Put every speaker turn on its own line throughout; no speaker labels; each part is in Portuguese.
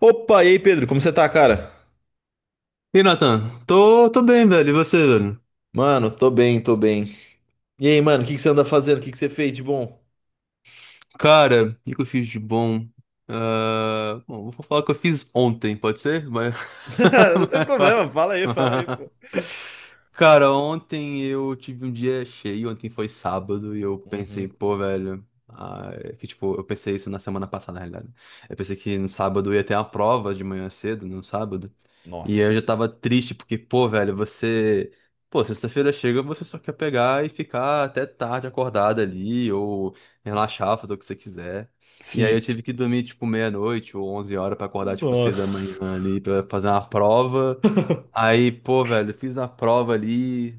Opa, e aí, Pedro, como você tá, cara?
E Nathan? Tô bem, velho. E você, velho?
Mano, tô bem, tô bem. E aí, mano, o que que você anda fazendo? O que que você fez de bom?
Cara, o que que eu fiz de bom? Ah, bom, vou falar o que eu fiz ontem, pode ser?
Não tem problema, fala aí,
Mas-
pô.
Cara, ontem eu tive um dia cheio, ontem foi sábado e eu pensei,
Uhum.
pô, velho, ah, é que tipo, eu pensei isso na semana passada, na realidade. Eu pensei que no sábado ia ter uma prova de manhã cedo, no sábado. E eu já
Nossa.
tava triste, porque, pô, velho, você. Pô, sexta-feira chega, você só quer pegar e ficar até tarde acordado ali, ou relaxar, fazer o que você quiser. E aí eu
Sim.
tive que dormir, tipo, meia-noite ou 11 horas pra acordar, tipo, 6 da manhã
Nossa.
ali pra fazer uma prova. Aí, pô, velho, fiz a prova ali,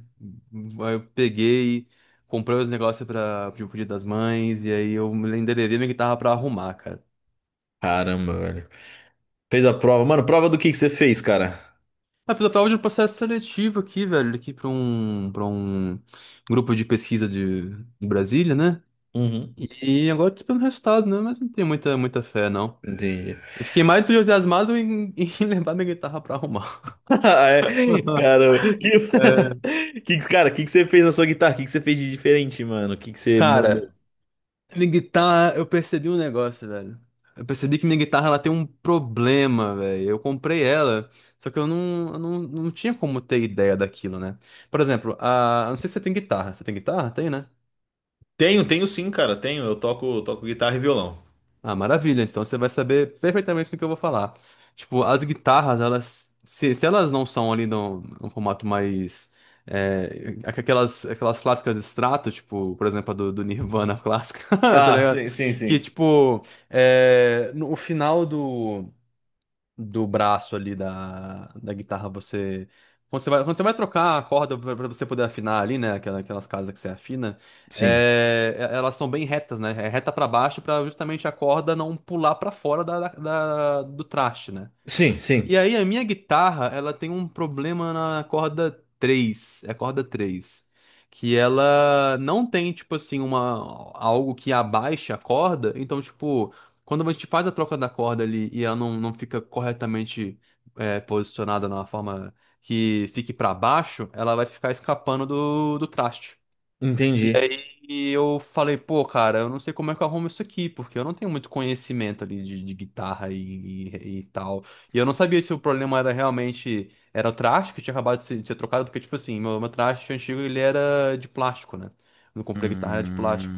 aí eu peguei, comprei os negócios pro Dia das Mães, e aí eu me endereçei minha guitarra pra arrumar, cara.
Caramba, velho. Fez a prova. Mano, prova do que você fez, cara?
Mas fiz a prova de um processo seletivo aqui, velho, aqui pra um grupo de pesquisa de Brasília, né?
Uhum.
E agora tô esperando o resultado, né? Mas não tenho muita, muita fé, não.
Entendi.
Eu fiquei mais entusiasmado em, em levar minha guitarra pra arrumar.
Ah, é? Caramba. Que...
É,
Cara, o que que você fez na sua guitarra? O que que você fez de diferente, mano? O que que você
Cara,
mandou?
minha guitarra, eu percebi um negócio, velho. Eu percebi que minha guitarra ela tem um problema, velho. Eu comprei ela, só que eu não tinha como ter ideia daquilo, né? Por exemplo, eu não sei se você tem guitarra. Você tem guitarra? Tem, né?
Tenho, tenho sim, cara, tenho. Eu toco, toco guitarra e violão.
Ah, maravilha. Então você vai saber perfeitamente do que eu vou falar. Tipo, as guitarras, elas, se elas não são ali num, formato mais aquelas clássicas extrato, tipo, por exemplo, a do Nirvana clássica, tá
Ah, sim,
ligado?
sim,
Que
sim.
tipo, é, no, o final do braço ali da guitarra, você. Quando você vai trocar a corda para você poder afinar ali, né? Aquelas casas que você afina,
Sim.
elas são bem retas, né? É reta para baixo para justamente a corda não pular para fora do traste, né?
Sim, sim.
E aí a minha guitarra, ela tem um problema na corda 3, é a corda 3, que ela não tem tipo assim uma, algo que abaixe a corda, então tipo, quando a gente faz a troca da corda ali e ela não fica corretamente, posicionada na forma que fique para baixo, ela vai ficar escapando do traste. E
Entendi.
aí eu falei, pô, cara, eu não sei como é que eu arrumo isso aqui, porque eu não tenho muito conhecimento ali de guitarra e tal. E eu não sabia se o problema era realmente, era o traste que tinha acabado de ser trocado, porque, tipo assim, meu traste antigo, ele era de plástico, né? Quando eu comprei a guitarra, era de plástico.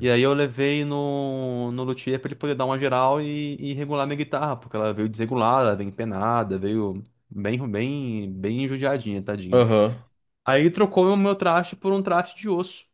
E aí eu levei no luthier pra ele poder dar uma geral e regular minha guitarra, porque ela veio desregulada, veio empenada, veio bem, bem, bem judiadinha, tadinha.
Aham.
Aí ele trocou o meu traste por um traste de osso.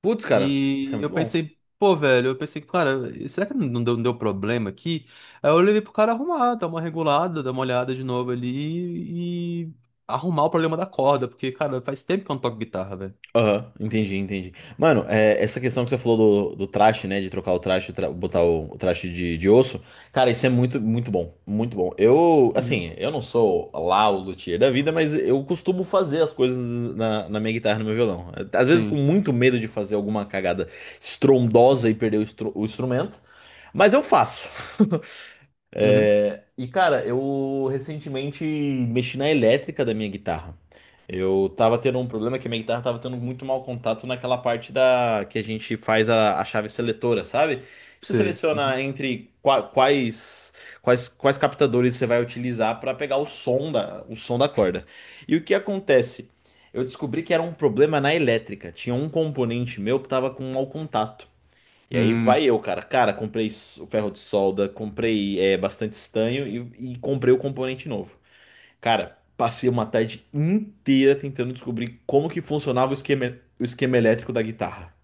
Putz, cara, isso é
E eu
muito bom.
pensei, pô, velho, eu pensei, cara, será que não deu problema aqui? Aí eu levei pro cara arrumar, dar uma regulada, dar uma olhada de novo ali e arrumar o problema da corda, porque, cara, faz tempo que eu não toco guitarra, velho.
Aham, entendi, entendi. Mano, é, essa questão que você falou do traste, né? De trocar o traste, botar o traste de osso. Cara, isso é muito, muito bom. Muito bom. Eu,
Uhum.
assim, eu não sou lá o luthier da vida, mas eu costumo fazer as coisas na, na minha guitarra, no meu violão. Às vezes com
Sim.
muito medo de fazer alguma cagada estrondosa e perder o, o instrumento, mas eu faço.
Uhum.
É, e cara, eu recentemente mexi na elétrica da minha guitarra. Eu tava tendo um problema que a minha guitarra tava tendo muito mau contato naquela parte da que a gente faz a chave seletora, sabe? Você
Sei.
seleciona
Uhum.
entre quais quais captadores você vai utilizar para pegar o som da corda. E o que acontece? Eu descobri que era um problema na elétrica. Tinha um componente meu que tava com mau contato. E aí vai
Hum.
eu, cara. Cara, comprei o ferro de solda, comprei é, bastante estanho e comprei o componente novo. Cara, passei uma tarde inteira tentando descobrir como que funcionava o esquema elétrico da guitarra.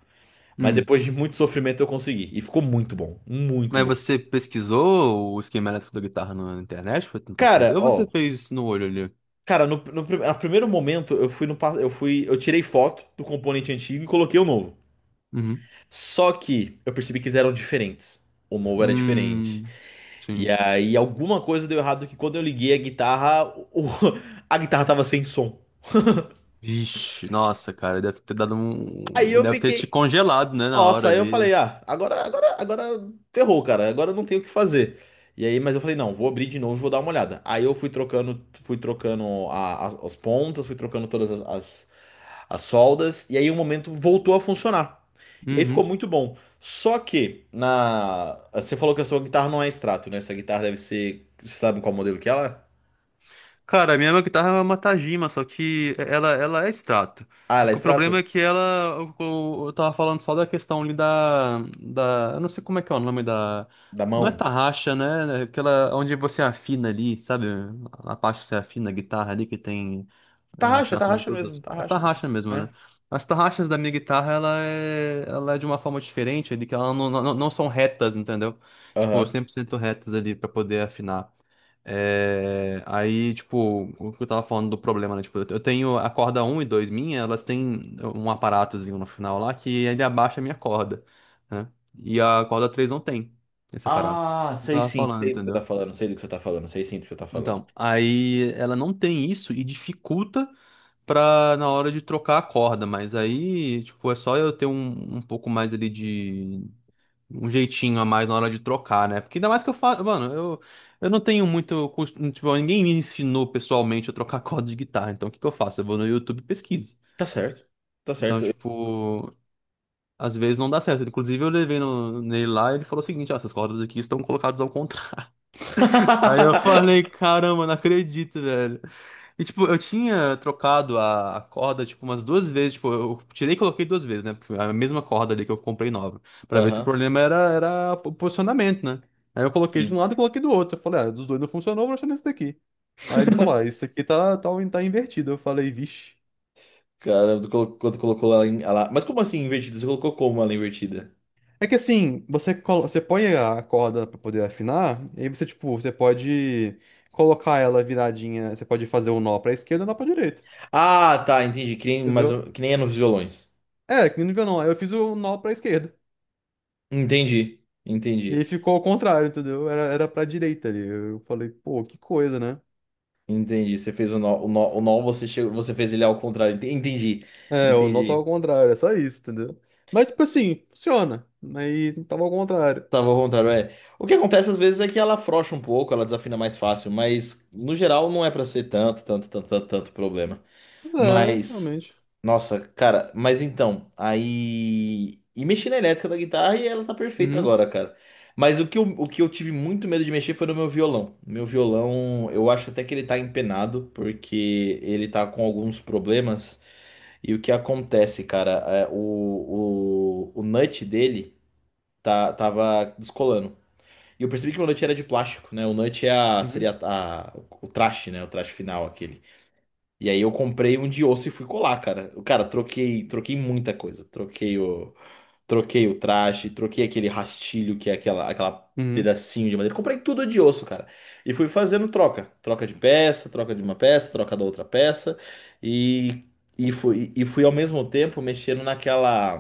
Mas
Hum.
depois de muito sofrimento eu consegui. E ficou muito bom, muito
Mas
bom.
você pesquisou o esquema elétrico da guitarra na internet pra tentar fazer?
Cara,
Ou você
ó,
fez no olho ali?
cara, no, no, a primeiro momento eu fui no, eu fui, eu tirei foto do componente antigo e coloquei o novo.
Uhum.
Só que eu percebi que eles eram diferentes. O novo era diferente.
Hum.
E
Sim.
aí alguma coisa deu errado que quando eu liguei a guitarra, o- a guitarra tava sem som.
Vixe, nossa, cara, deve ter dado
Aí
um.
eu
Deve ter te
fiquei,
congelado, né, na hora
nossa, aí eu
ali.
falei, ah, agora, agora, agora ferrou, cara, agora eu não tenho o que fazer. E aí, mas eu falei, não, vou abrir de novo, e vou dar uma olhada. Aí eu fui trocando as pontas, fui trocando todas as soldas, e aí um momento voltou a funcionar. E aí ficou
Uhum.
muito bom. Só que na, você falou que a sua guitarra não é extrato, né? Sua guitarra deve ser, você sabe qual modelo que ela é?
Cara, a minha guitarra é uma Tajima, só que ela é extrato.
Ah,
O
ela é
que- o problema é
extrato?
que ela. Eu tava falando só da questão ali da, eu não sei como é que é o nome da.
Da
Não é
mão?
tarraxa, né? Aquela onde você afina ali, sabe? A parte que você afina a guitarra ali que tem. A
Tarraxa,
afinação de
tarraxa
todos
mesmo,
os. É
tarraxa,
tarraxa mesmo, né?
né?
As tarraxas da minha guitarra, ela é de uma forma diferente, ali, que ela não são retas, entendeu? Tipo,
Aham.
100% retas ali pra poder afinar. Aí, tipo, o que eu tava falando do problema, né? Tipo, eu tenho a corda um e 2 minha, elas têm um aparatozinho no final lá que ele abaixa a minha corda, né? E a corda 3 não tem esse aparato.
Ah,
Eu
sei
tava
sim,
falando,
sei do que você
entendeu?
tá falando, sei do que você tá falando, sei sim do que você tá falando.
Então, aí ela não tem isso e dificulta pra na hora de trocar a corda, mas aí, tipo, é só eu ter um pouco mais ali de. Um jeitinho a mais na hora de trocar, né? Porque ainda mais que eu faço. Mano, eu não tenho muito. Tipo, ninguém me ensinou pessoalmente a trocar corda de guitarra. Então, o que que eu faço? Eu vou no YouTube e pesquiso.
Tá certo, tá
Então,
certo.
tipo, às vezes não dá certo. Inclusive, eu levei no, nele lá e ele falou o seguinte: ah, essas cordas aqui estão colocadas ao contrário. Aí eu falei, caramba, não acredito, velho. E, tipo, eu tinha trocado a corda, tipo, umas duas vezes. Tipo, eu tirei e coloquei duas vezes, né? A mesma corda ali que eu comprei nova. Pra ver se o
Aham,
problema era o posicionamento, né? Aí eu coloquei de um
sim.
lado e coloquei do outro. Eu falei, ah, dos dois não funcionou, vou deixar nesse daqui. Aí ele falou, ah, isso aqui tá invertido. Eu falei, vixe.
Cara, quando colocou ela, Mas como assim invertida? Você colocou como ela invertida?
É que assim, você põe a corda pra poder afinar, e aí você, tipo, você pode colocar ela viradinha, você pode fazer o um nó pra esquerda e um nó pra direita.
Ah, tá, entendi. Que nem, mas,
Entendeu?
que nem é nos violões.
É, que nível não. Aí eu fiz o nó pra esquerda.
Entendi,
E aí
entendi,
ficou ao contrário, entendeu? Era pra direita ali. Eu falei, pô, que coisa, né?
entendi. Você fez o nó, o nó, o nó você, chegou, você fez ele ao contrário. Entendi,
É, o nó tava
entendi.
ao contrário, é só isso, entendeu? Mas, tipo assim, funciona. Mas tava ao contrário.
Tava ao contrário, é. O que acontece às vezes é que ela afrouxa um pouco, ela desafina mais fácil, mas no geral não é pra ser tanto, tanto, tanto, tanto, tanto problema.
Mas é,
Mas,
realmente.
nossa, cara, mas então, aí. E mexi na elétrica da guitarra e ela tá perfeita
Uhum,
agora, cara. Mas o que eu tive muito medo de mexer foi no meu violão. Meu violão, eu acho até que ele tá empenado, porque ele tá com alguns problemas. E o que acontece, cara, é, o nut dele tá, tava descolando. E eu percebi que o nut era de plástico, né? O nut é a,
uhum,
seria a, o traste, né? O traste final, aquele. E aí eu comprei um de osso e fui colar, cara. Eu, Cara, troquei, troquei muita coisa. Troquei o, troquei o traste, troquei aquele rastilho, que é aquela, aquela
uhum,
pedacinho de madeira. Comprei tudo de osso, cara. E fui fazendo troca. Troca de peça, troca de uma peça, troca da outra peça. E, e fui ao mesmo tempo mexendo naquela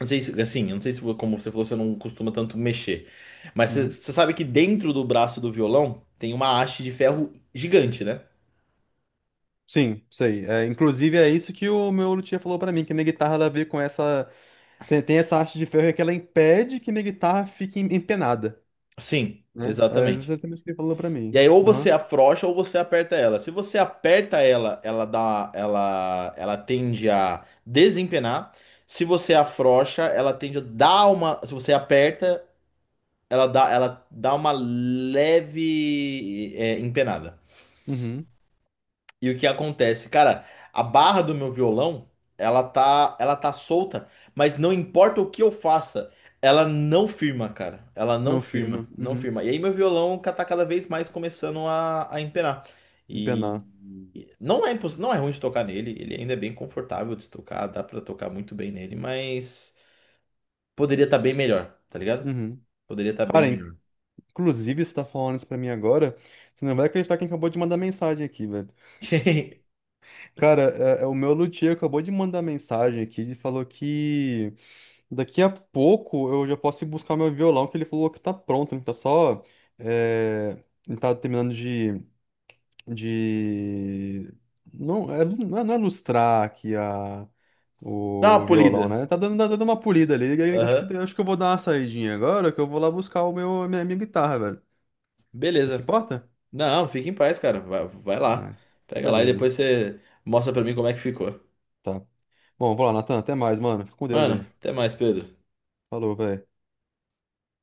não sei se, assim, eu não sei se, como você falou, você não costuma tanto mexer. Mas você
uhum.
você sabe que dentro do braço do violão tem uma haste de ferro gigante, né?
Sim, sei. É, inclusive é isso que o meu luthier falou pra mim, que minha guitarra ela veio com essa. Tem essa haste de ferro que ela impede que minha guitarra fique empenada,
Sim,
né? É
exatamente.
justamente o que ele falou pra
E
mim.
aí ou
Aham.
você afrouxa ou você aperta ela. Se você aperta ela, ela dá, ela tende a desempenar. Se você afrouxa, ela tende a dar uma, se você aperta, ela dá uma leve, é, empenada.
Uhum.
E o que acontece? Cara, a barra do meu violão, ela tá solta, mas não importa o que eu faça, ela não firma, cara. Ela não
Não
firma,
firma.
não
Uhum.
firma. E aí meu violão tá cada vez mais começando a empenar. E
Empenar.
não é imposs... não é ruim de tocar nele, ele ainda é bem confortável de tocar, dá pra tocar muito bem nele, mas poderia estar bem melhor, tá ligado?
Uhum.
Poderia estar bem
Cara,
melhor.
inclusive, você tá falando isso pra mim agora, você não vai acreditar quem acabou de mandar mensagem aqui, velho. Cara, é o meu luthier acabou de mandar mensagem aqui, ele falou que daqui a pouco eu já posso ir buscar meu violão, que ele falou que tá pronto, ele tá só... é, Ele tá terminando de não é lustrar aqui a
Dá uma
o violão,
polida.
né? Tá dando uma polida ali. E Acho
Aham.
que acho que eu vou dar uma saidinha agora, que eu vou lá buscar o meu a minha guitarra, velho. Você se
Beleza.
importa?
Não, fica em paz, cara. Vai, vai lá.
Ah,
Pega lá e
beleza.
depois você mostra pra mim como é que ficou.
Tá. Bom, vou lá, Natan. Até mais, mano. Fica com Deus
Mano,
aí.
até mais, Pedro.
Falou, velho.